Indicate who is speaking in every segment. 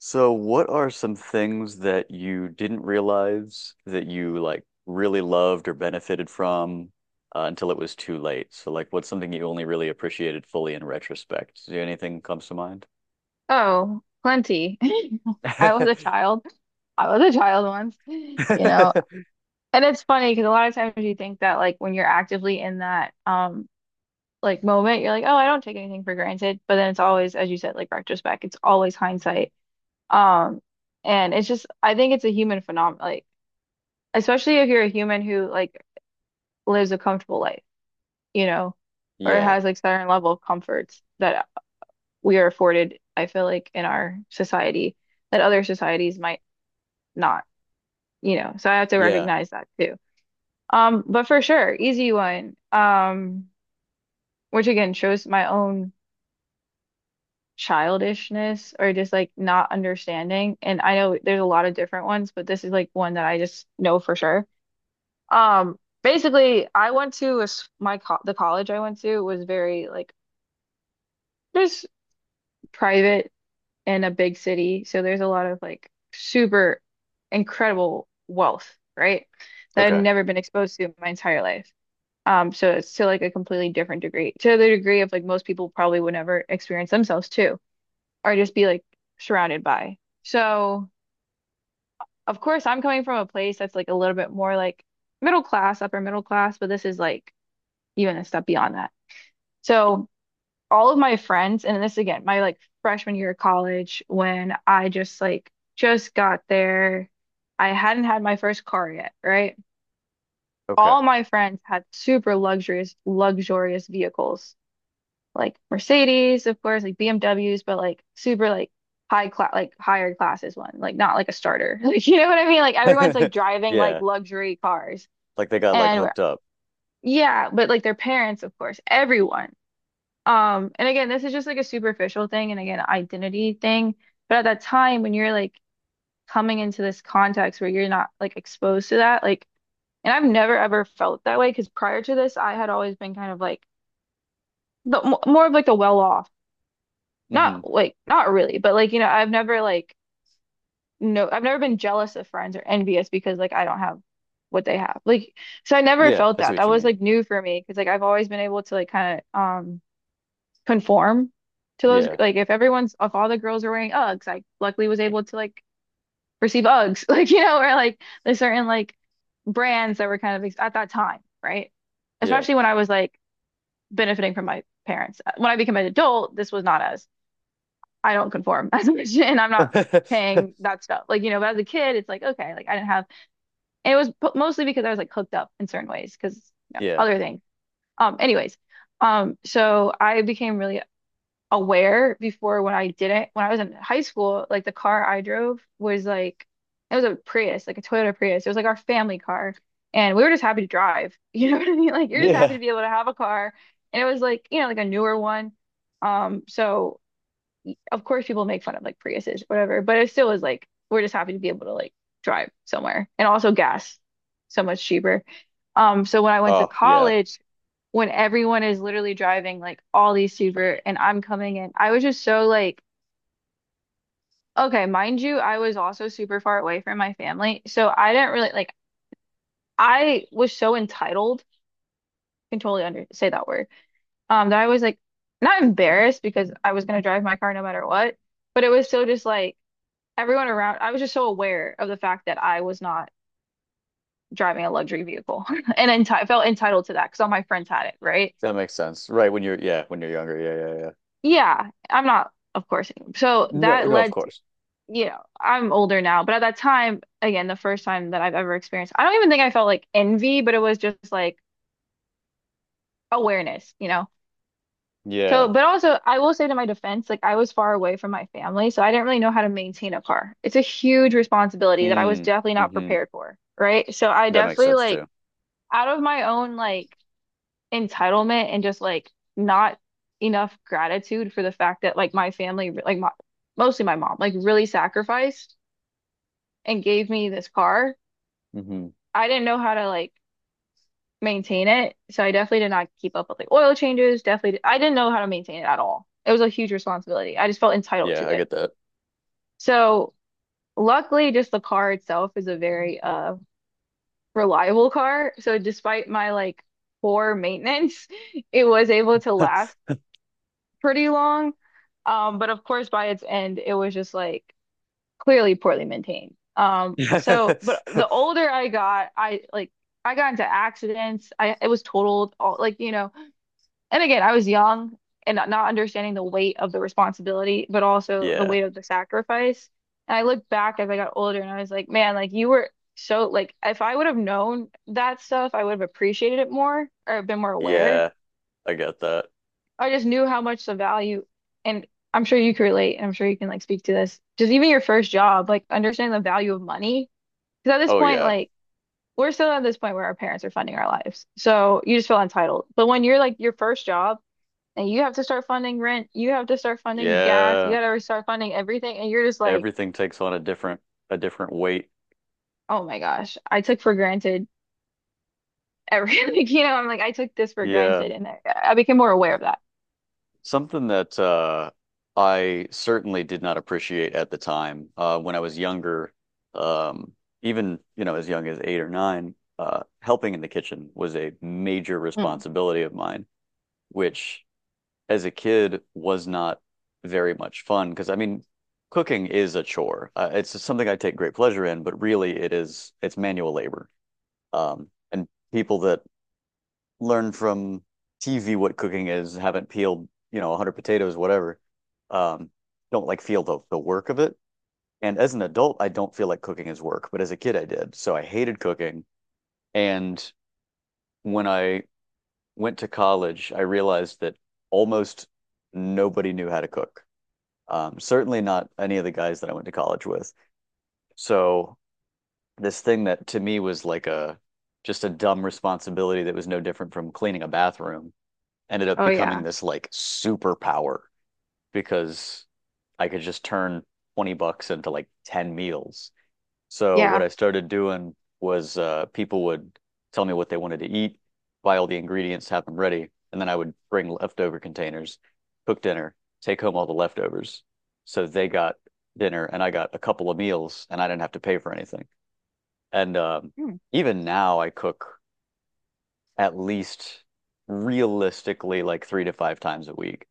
Speaker 1: So, what are some things that you didn't realize that you like really loved or benefited from until it was too late? So, like, what's something you only really appreciated fully in retrospect? Do anything comes to mind?
Speaker 2: Oh, plenty. I was a child. I was a child once, you know. And it's funny because a lot of times you think that like when you're actively in that like moment, you're like, oh, I don't take anything for granted. But then it's always, as you said, like retrospect. It's always hindsight. Um, and it's just I think it's a human phenomenon, like especially if you're a human who like lives a comfortable life, you know, or
Speaker 1: Yeah.
Speaker 2: has like certain level of comforts that we are afforded, I feel like in our society that other societies might not. You know, so I have to
Speaker 1: Yeah.
Speaker 2: recognize that too. But for sure, easy one. Which again shows my own childishness or just like not understanding. And I know there's a lot of different ones, but this is like one that I just know for sure. Basically, I went to a s my co the college I went to was very like just private in a big city, so there's a lot of like super incredible wealth, right? That I've
Speaker 1: Okay.
Speaker 2: never been exposed to in my entire life. So it's to like a completely different degree, to the degree of like most people probably would never experience themselves too, or just be like surrounded by. So of course I'm coming from a place that's like a little bit more like middle class, upper middle class, but this is like even a step beyond that. So all of my friends, and this again, my like freshman year of college when I just got there, I hadn't had my first car yet, right?
Speaker 1: Okay.
Speaker 2: All my friends had super luxurious vehicles like Mercedes, of course, like BMWs, but like super like high class like higher classes one, like not like a starter. Like you know what I mean? Like everyone's like driving like
Speaker 1: Yeah.
Speaker 2: luxury cars.
Speaker 1: Like they got like
Speaker 2: And we're-
Speaker 1: hooked up.
Speaker 2: yeah, but like their parents, of course, everyone. And again, this is just like a superficial thing and again, identity thing. But at that time when you're like coming into this context where you're not like exposed to that, like and I've never ever felt that way because prior to this, I had always been kind of like the more of like the well-off,
Speaker 1: Hmm.
Speaker 2: not like not really, but like you know, I've never like no, I've never been jealous of friends or envious because like I don't have what they have. Like so I never
Speaker 1: Yeah,
Speaker 2: felt
Speaker 1: I see
Speaker 2: that.
Speaker 1: what
Speaker 2: That
Speaker 1: you
Speaker 2: was
Speaker 1: mean.
Speaker 2: like new for me because like I've always been able to like kind of conform to those
Speaker 1: Yeah.
Speaker 2: like if everyone's if all the girls are wearing Uggs, I luckily was able to like receive Uggs, like you know, or like there's certain like brands that were kind of ex at that time, right?
Speaker 1: Yeah.
Speaker 2: Especially when I was like benefiting from my parents. When I became an adult, this was not as I don't conform as a Christian and I'm not paying that stuff. Like, you know, but as a kid, it's like, okay, like I didn't have, and it was mostly because I was like hooked up in certain ways because, you know,
Speaker 1: Yeah.
Speaker 2: other things. Anyways, so I became really aware before when I didn't, when I was in high school, like the car I drove was like, it was a Prius, like a Toyota Prius. It was like our family car. And we were just happy to drive. You know what I mean? Like, you're just happy
Speaker 1: Yeah.
Speaker 2: to be able to have a car. And it was like, you know, like a newer one. So of course people make fun of like Priuses, whatever, but it still is like we're just happy to be able to like drive somewhere and also gas so much cheaper. So when I went to
Speaker 1: Oh, yeah.
Speaker 2: college, when everyone is literally driving like all these super and I'm coming in, I was just so like, okay, mind you, I was also super far away from my family. So I didn't really like I was so entitled, I can totally under say that word, that I was like not embarrassed because I was gonna drive my car no matter what, but it was so just like everyone around, I was just so aware of the fact that I was not driving a luxury vehicle and enti felt entitled to that because all my friends had it, right?
Speaker 1: That makes sense. Right, when you're, yeah, when you're younger. Yeah, yeah, yeah.
Speaker 2: Yeah, I'm not, of course. So
Speaker 1: No,
Speaker 2: that
Speaker 1: no, of
Speaker 2: led to,
Speaker 1: course.
Speaker 2: you know, I'm older now, but at that time, again, the first time that I've ever experienced, I don't even think I felt like envy, but it was just like awareness, you know? So,
Speaker 1: Yeah.
Speaker 2: but also, I will say to my defense, like I was far away from my family, so I didn't really know how to maintain a car. It's a huge responsibility that I was
Speaker 1: Mm,
Speaker 2: definitely not
Speaker 1: hmm.
Speaker 2: prepared for, right? So I
Speaker 1: That makes
Speaker 2: definitely
Speaker 1: sense
Speaker 2: like,
Speaker 1: too.
Speaker 2: out of my own like entitlement and just like not enough gratitude for the fact that like my family like my, mostly my mom like really sacrificed and gave me this car.
Speaker 1: Hmm.
Speaker 2: I didn't know how to like maintain it, so I definitely did not keep up with like oil changes, definitely I didn't know how to maintain it at all. It was a huge responsibility. I just felt entitled to
Speaker 1: Yeah, I
Speaker 2: it.
Speaker 1: get that.
Speaker 2: So luckily just the car itself is a very reliable car. So despite my like poor maintenance, it was able to last pretty long. But of course, by its end, it was just like clearly poorly maintained. But the older I got, I like I got into accidents. I it was totaled all like you know. And again, I was young and not understanding the weight of the responsibility, but also the
Speaker 1: Yeah.
Speaker 2: weight of the sacrifice. And I looked back as I got older, and I was like, man, like you were so like if I would have known that stuff, I would have appreciated it more or been more aware.
Speaker 1: Yeah, I get that.
Speaker 2: I just knew how much the value, and I'm sure you can relate, and I'm sure you can like speak to this. Just even your first job, like understanding the value of money. Because at this
Speaker 1: Oh
Speaker 2: point,
Speaker 1: yeah.
Speaker 2: like we're still at this point where our parents are funding our lives. So you just feel entitled. But when you're like your first job and you have to start funding rent, you have to start funding gas, you
Speaker 1: Yeah.
Speaker 2: gotta start funding everything, and you're just like,
Speaker 1: Everything takes on a different weight.
Speaker 2: oh my gosh, I took for granted everything. Like, you know, I'm like, I took this for
Speaker 1: Yeah.
Speaker 2: granted, and I became more aware of that.
Speaker 1: Something that I certainly did not appreciate at the time. When I was younger, um even, you know, as young as 8 or 9, helping in the kitchen was a major
Speaker 2: Hmm.
Speaker 1: responsibility of mine, which as a kid was not very much fun because I mean, cooking is a chore. It's something I take great pleasure in, but really it's manual labor. And people that learn from TV what cooking is haven't peeled, you know, 100 potatoes, whatever, um, don't like feel the work of it. And as an adult, I don't feel like cooking is work, but as a kid, I did. So I hated cooking. And when I went to college, I realized that almost nobody knew how to cook. Certainly not any of the guys that I went to college with. So this thing that to me was like a just a dumb responsibility that was no different from cleaning a bathroom ended up
Speaker 2: Oh
Speaker 1: becoming
Speaker 2: yeah.
Speaker 1: this like superpower because I could just turn 20 bucks into like 10 meals. So what
Speaker 2: Yeah.
Speaker 1: I started doing was people would tell me what they wanted to eat, buy all the ingredients, have them ready, and then I would bring leftover containers, cook dinner, take home all the leftovers. So they got dinner and I got a couple of meals and I didn't have to pay for anything. And
Speaker 2: Hmm.
Speaker 1: even now I cook at least realistically like three to five times a week.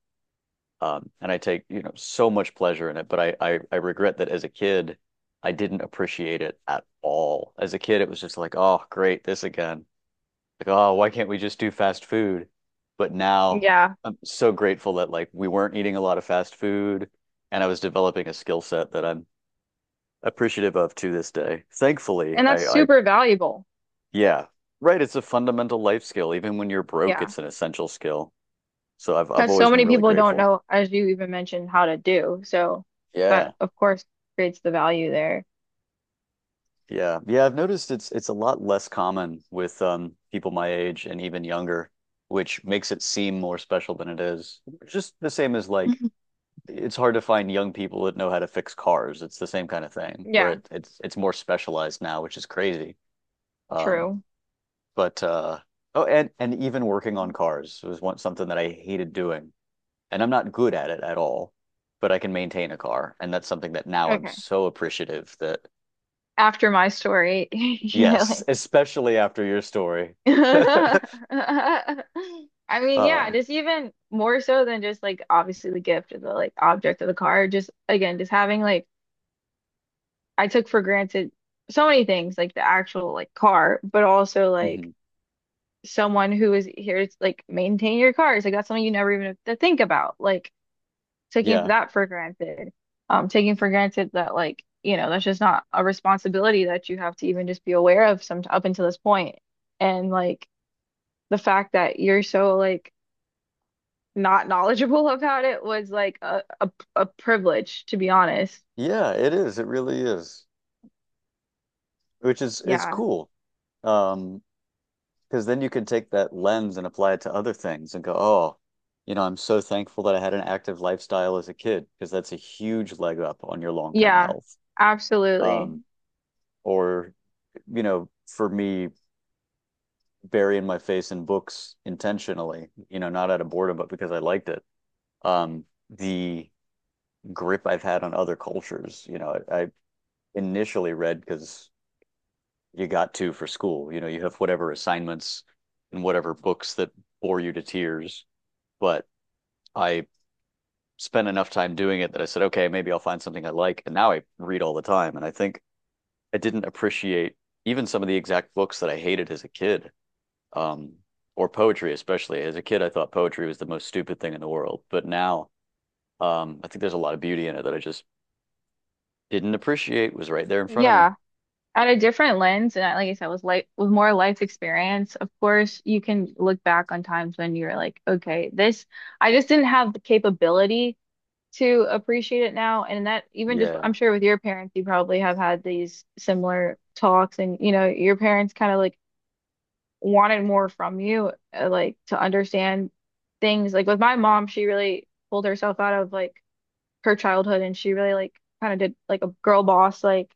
Speaker 1: And I take, you know, so much pleasure in it, but I regret that as a kid, I didn't appreciate it at all. As a kid, it was just like, oh, great, this again. Like, oh, why can't we just do fast food? But now
Speaker 2: Yeah.
Speaker 1: I'm so grateful that like we weren't eating a lot of fast food, and I was developing a skill set that I'm appreciative of to this day. Thankfully,
Speaker 2: And that's
Speaker 1: I
Speaker 2: super valuable.
Speaker 1: yeah, right, it's a fundamental life skill. Even when you're broke,
Speaker 2: Yeah,
Speaker 1: it's an essential skill. So I've
Speaker 2: because so
Speaker 1: always been
Speaker 2: many
Speaker 1: really
Speaker 2: people don't
Speaker 1: grateful.
Speaker 2: know, as you even mentioned, how to do. So
Speaker 1: Yeah.
Speaker 2: that, of course, creates the value there.
Speaker 1: Yeah. Yeah, I've noticed it's a lot less common with people my age and even younger, which makes it seem more special than it is. Just the same as like
Speaker 2: Mhm.
Speaker 1: it's hard to find young people that know how to fix cars. It's the same kind of thing where
Speaker 2: Yeah,
Speaker 1: it's more specialized now, which is crazy. Um,
Speaker 2: true.
Speaker 1: but oh, and even working on cars was one something that I hated doing. And I'm not good at it at all, but I can maintain a car. And that's something that now I'm
Speaker 2: Okay.
Speaker 1: so appreciative that.
Speaker 2: After my story, you
Speaker 1: Yes,
Speaker 2: really.
Speaker 1: especially after your story.
Speaker 2: I mean, yeah,
Speaker 1: Uh,
Speaker 2: just even more so than just like obviously the gift or the like object of the car. Just again, just having like I took for granted so many things, like the actual like car, but also like
Speaker 1: mhm.
Speaker 2: someone who is here to like maintain your cars. Like that's something you never even have to think about. Like taking
Speaker 1: Yeah.
Speaker 2: that for granted. Taking for granted that like, you know, that's just not a responsibility that you have to even just be aware of some up until this point. And like the fact that you're so like not knowledgeable about it was like a privilege, to be honest.
Speaker 1: Yeah, it is. It really is. Which is it's
Speaker 2: Yeah.
Speaker 1: cool. Um, because then you can take that lens and apply it to other things and go, oh, you know, I'm so thankful that I had an active lifestyle as a kid because that's a huge leg up on your long-term
Speaker 2: Yeah.
Speaker 1: health.
Speaker 2: Absolutely.
Speaker 1: Um, or, you know, for me, burying my face in books intentionally, you know, not out of boredom, but because I liked it. Um, the grip I've had on other cultures. You know, I initially read because you got to for school. You know, you have whatever assignments and whatever books that bore you to tears. But I spent enough time doing it that I said, okay, maybe I'll find something I like. And now I read all the time. And I think I didn't appreciate even some of the exact books that I hated as a kid, um, or poetry, especially. As a kid, I thought poetry was the most stupid thing in the world. But now I think there's a lot of beauty in it that I just didn't appreciate was right there in front of me.
Speaker 2: Yeah. At a different lens and like I said with life with more life experience of course you can look back on times when you're like okay this I just didn't have the capability to appreciate it now and that even just
Speaker 1: Yeah.
Speaker 2: I'm sure with your parents you probably have had these similar talks and you know your parents kind of like wanted more from you like to understand things like with my mom she really pulled herself out of like her childhood and she really like kind of did like a girl boss like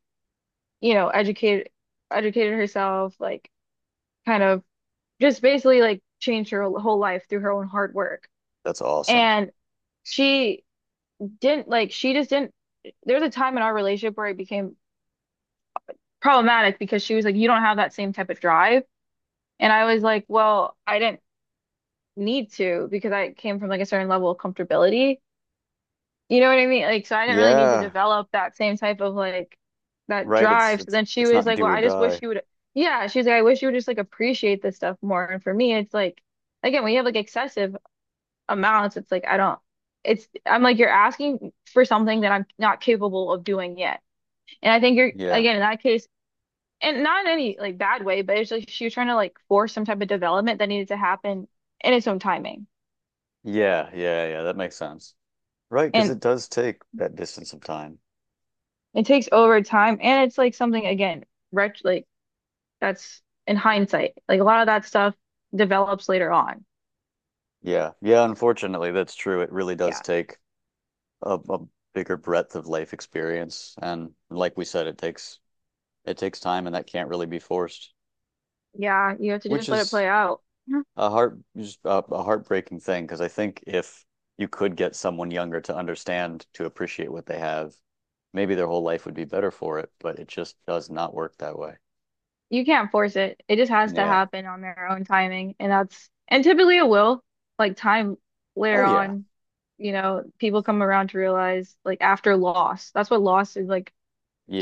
Speaker 2: you know, educated herself, like kind of just basically like changed her whole life through her own hard work.
Speaker 1: That's awesome.
Speaker 2: And she didn't like she just didn't there was a time in our relationship where it became problematic because she was like, you don't have that same type of drive. And I was like, well, I didn't need to because I came from like a certain level of comfortability. You know what I mean? Like, so I didn't really need to
Speaker 1: Yeah,
Speaker 2: develop that same type of like that
Speaker 1: right. It's
Speaker 2: drive. So
Speaker 1: it's
Speaker 2: then she
Speaker 1: it's
Speaker 2: was
Speaker 1: not
Speaker 2: like,
Speaker 1: do
Speaker 2: well,
Speaker 1: or
Speaker 2: I just
Speaker 1: die.
Speaker 2: wish you would, yeah, she's like, I wish you would just like appreciate this stuff more. And for me, it's like, again, when you have like excessive amounts, it's like, I don't, it's, I'm like, you're asking for something that I'm not capable of doing yet. And I think you're,
Speaker 1: Yeah.
Speaker 2: again, in that case, and not in any like bad way, but it's like she was trying to like force some type of development that needed to happen in its own timing.
Speaker 1: Yeah, yeah, yeah, that makes sense. Right, because
Speaker 2: And
Speaker 1: it does take that distance of time.
Speaker 2: it takes over time. And it's like something, again, ret like, that's in hindsight. Like a lot of that stuff develops later on.
Speaker 1: Yeah. Yeah, unfortunately, that's true. It really does
Speaker 2: Yeah.
Speaker 1: take a bigger breadth of life experience. And like we said, it takes time and that can't really be forced,
Speaker 2: Yeah. You have to
Speaker 1: which
Speaker 2: just let it
Speaker 1: is
Speaker 2: play out. Mhm.
Speaker 1: a heart just a heartbreaking thing because I think if you could get someone younger to understand to appreciate what they have, maybe their whole life would be better for it, but it just does not work that way.
Speaker 2: You can't force it. It just has to
Speaker 1: Yeah.
Speaker 2: happen on their own timing. And that's, and typically it will, like time
Speaker 1: Oh
Speaker 2: later
Speaker 1: yeah.
Speaker 2: on, you know, people come around to realize like after loss, that's what loss is like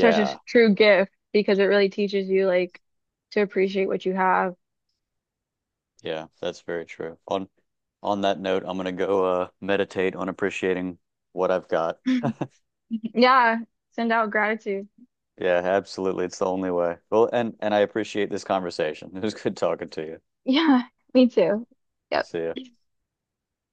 Speaker 2: such a true gift because it really teaches you like to appreciate what you have.
Speaker 1: Yeah, that's very true. On that note, I'm gonna go meditate on appreciating what I've got.
Speaker 2: Yeah. Send out gratitude.
Speaker 1: Yeah, absolutely. It's the only way. Well, and I appreciate this conversation. It was good talking to you.
Speaker 2: Yeah. Me too. Yep.
Speaker 1: See ya.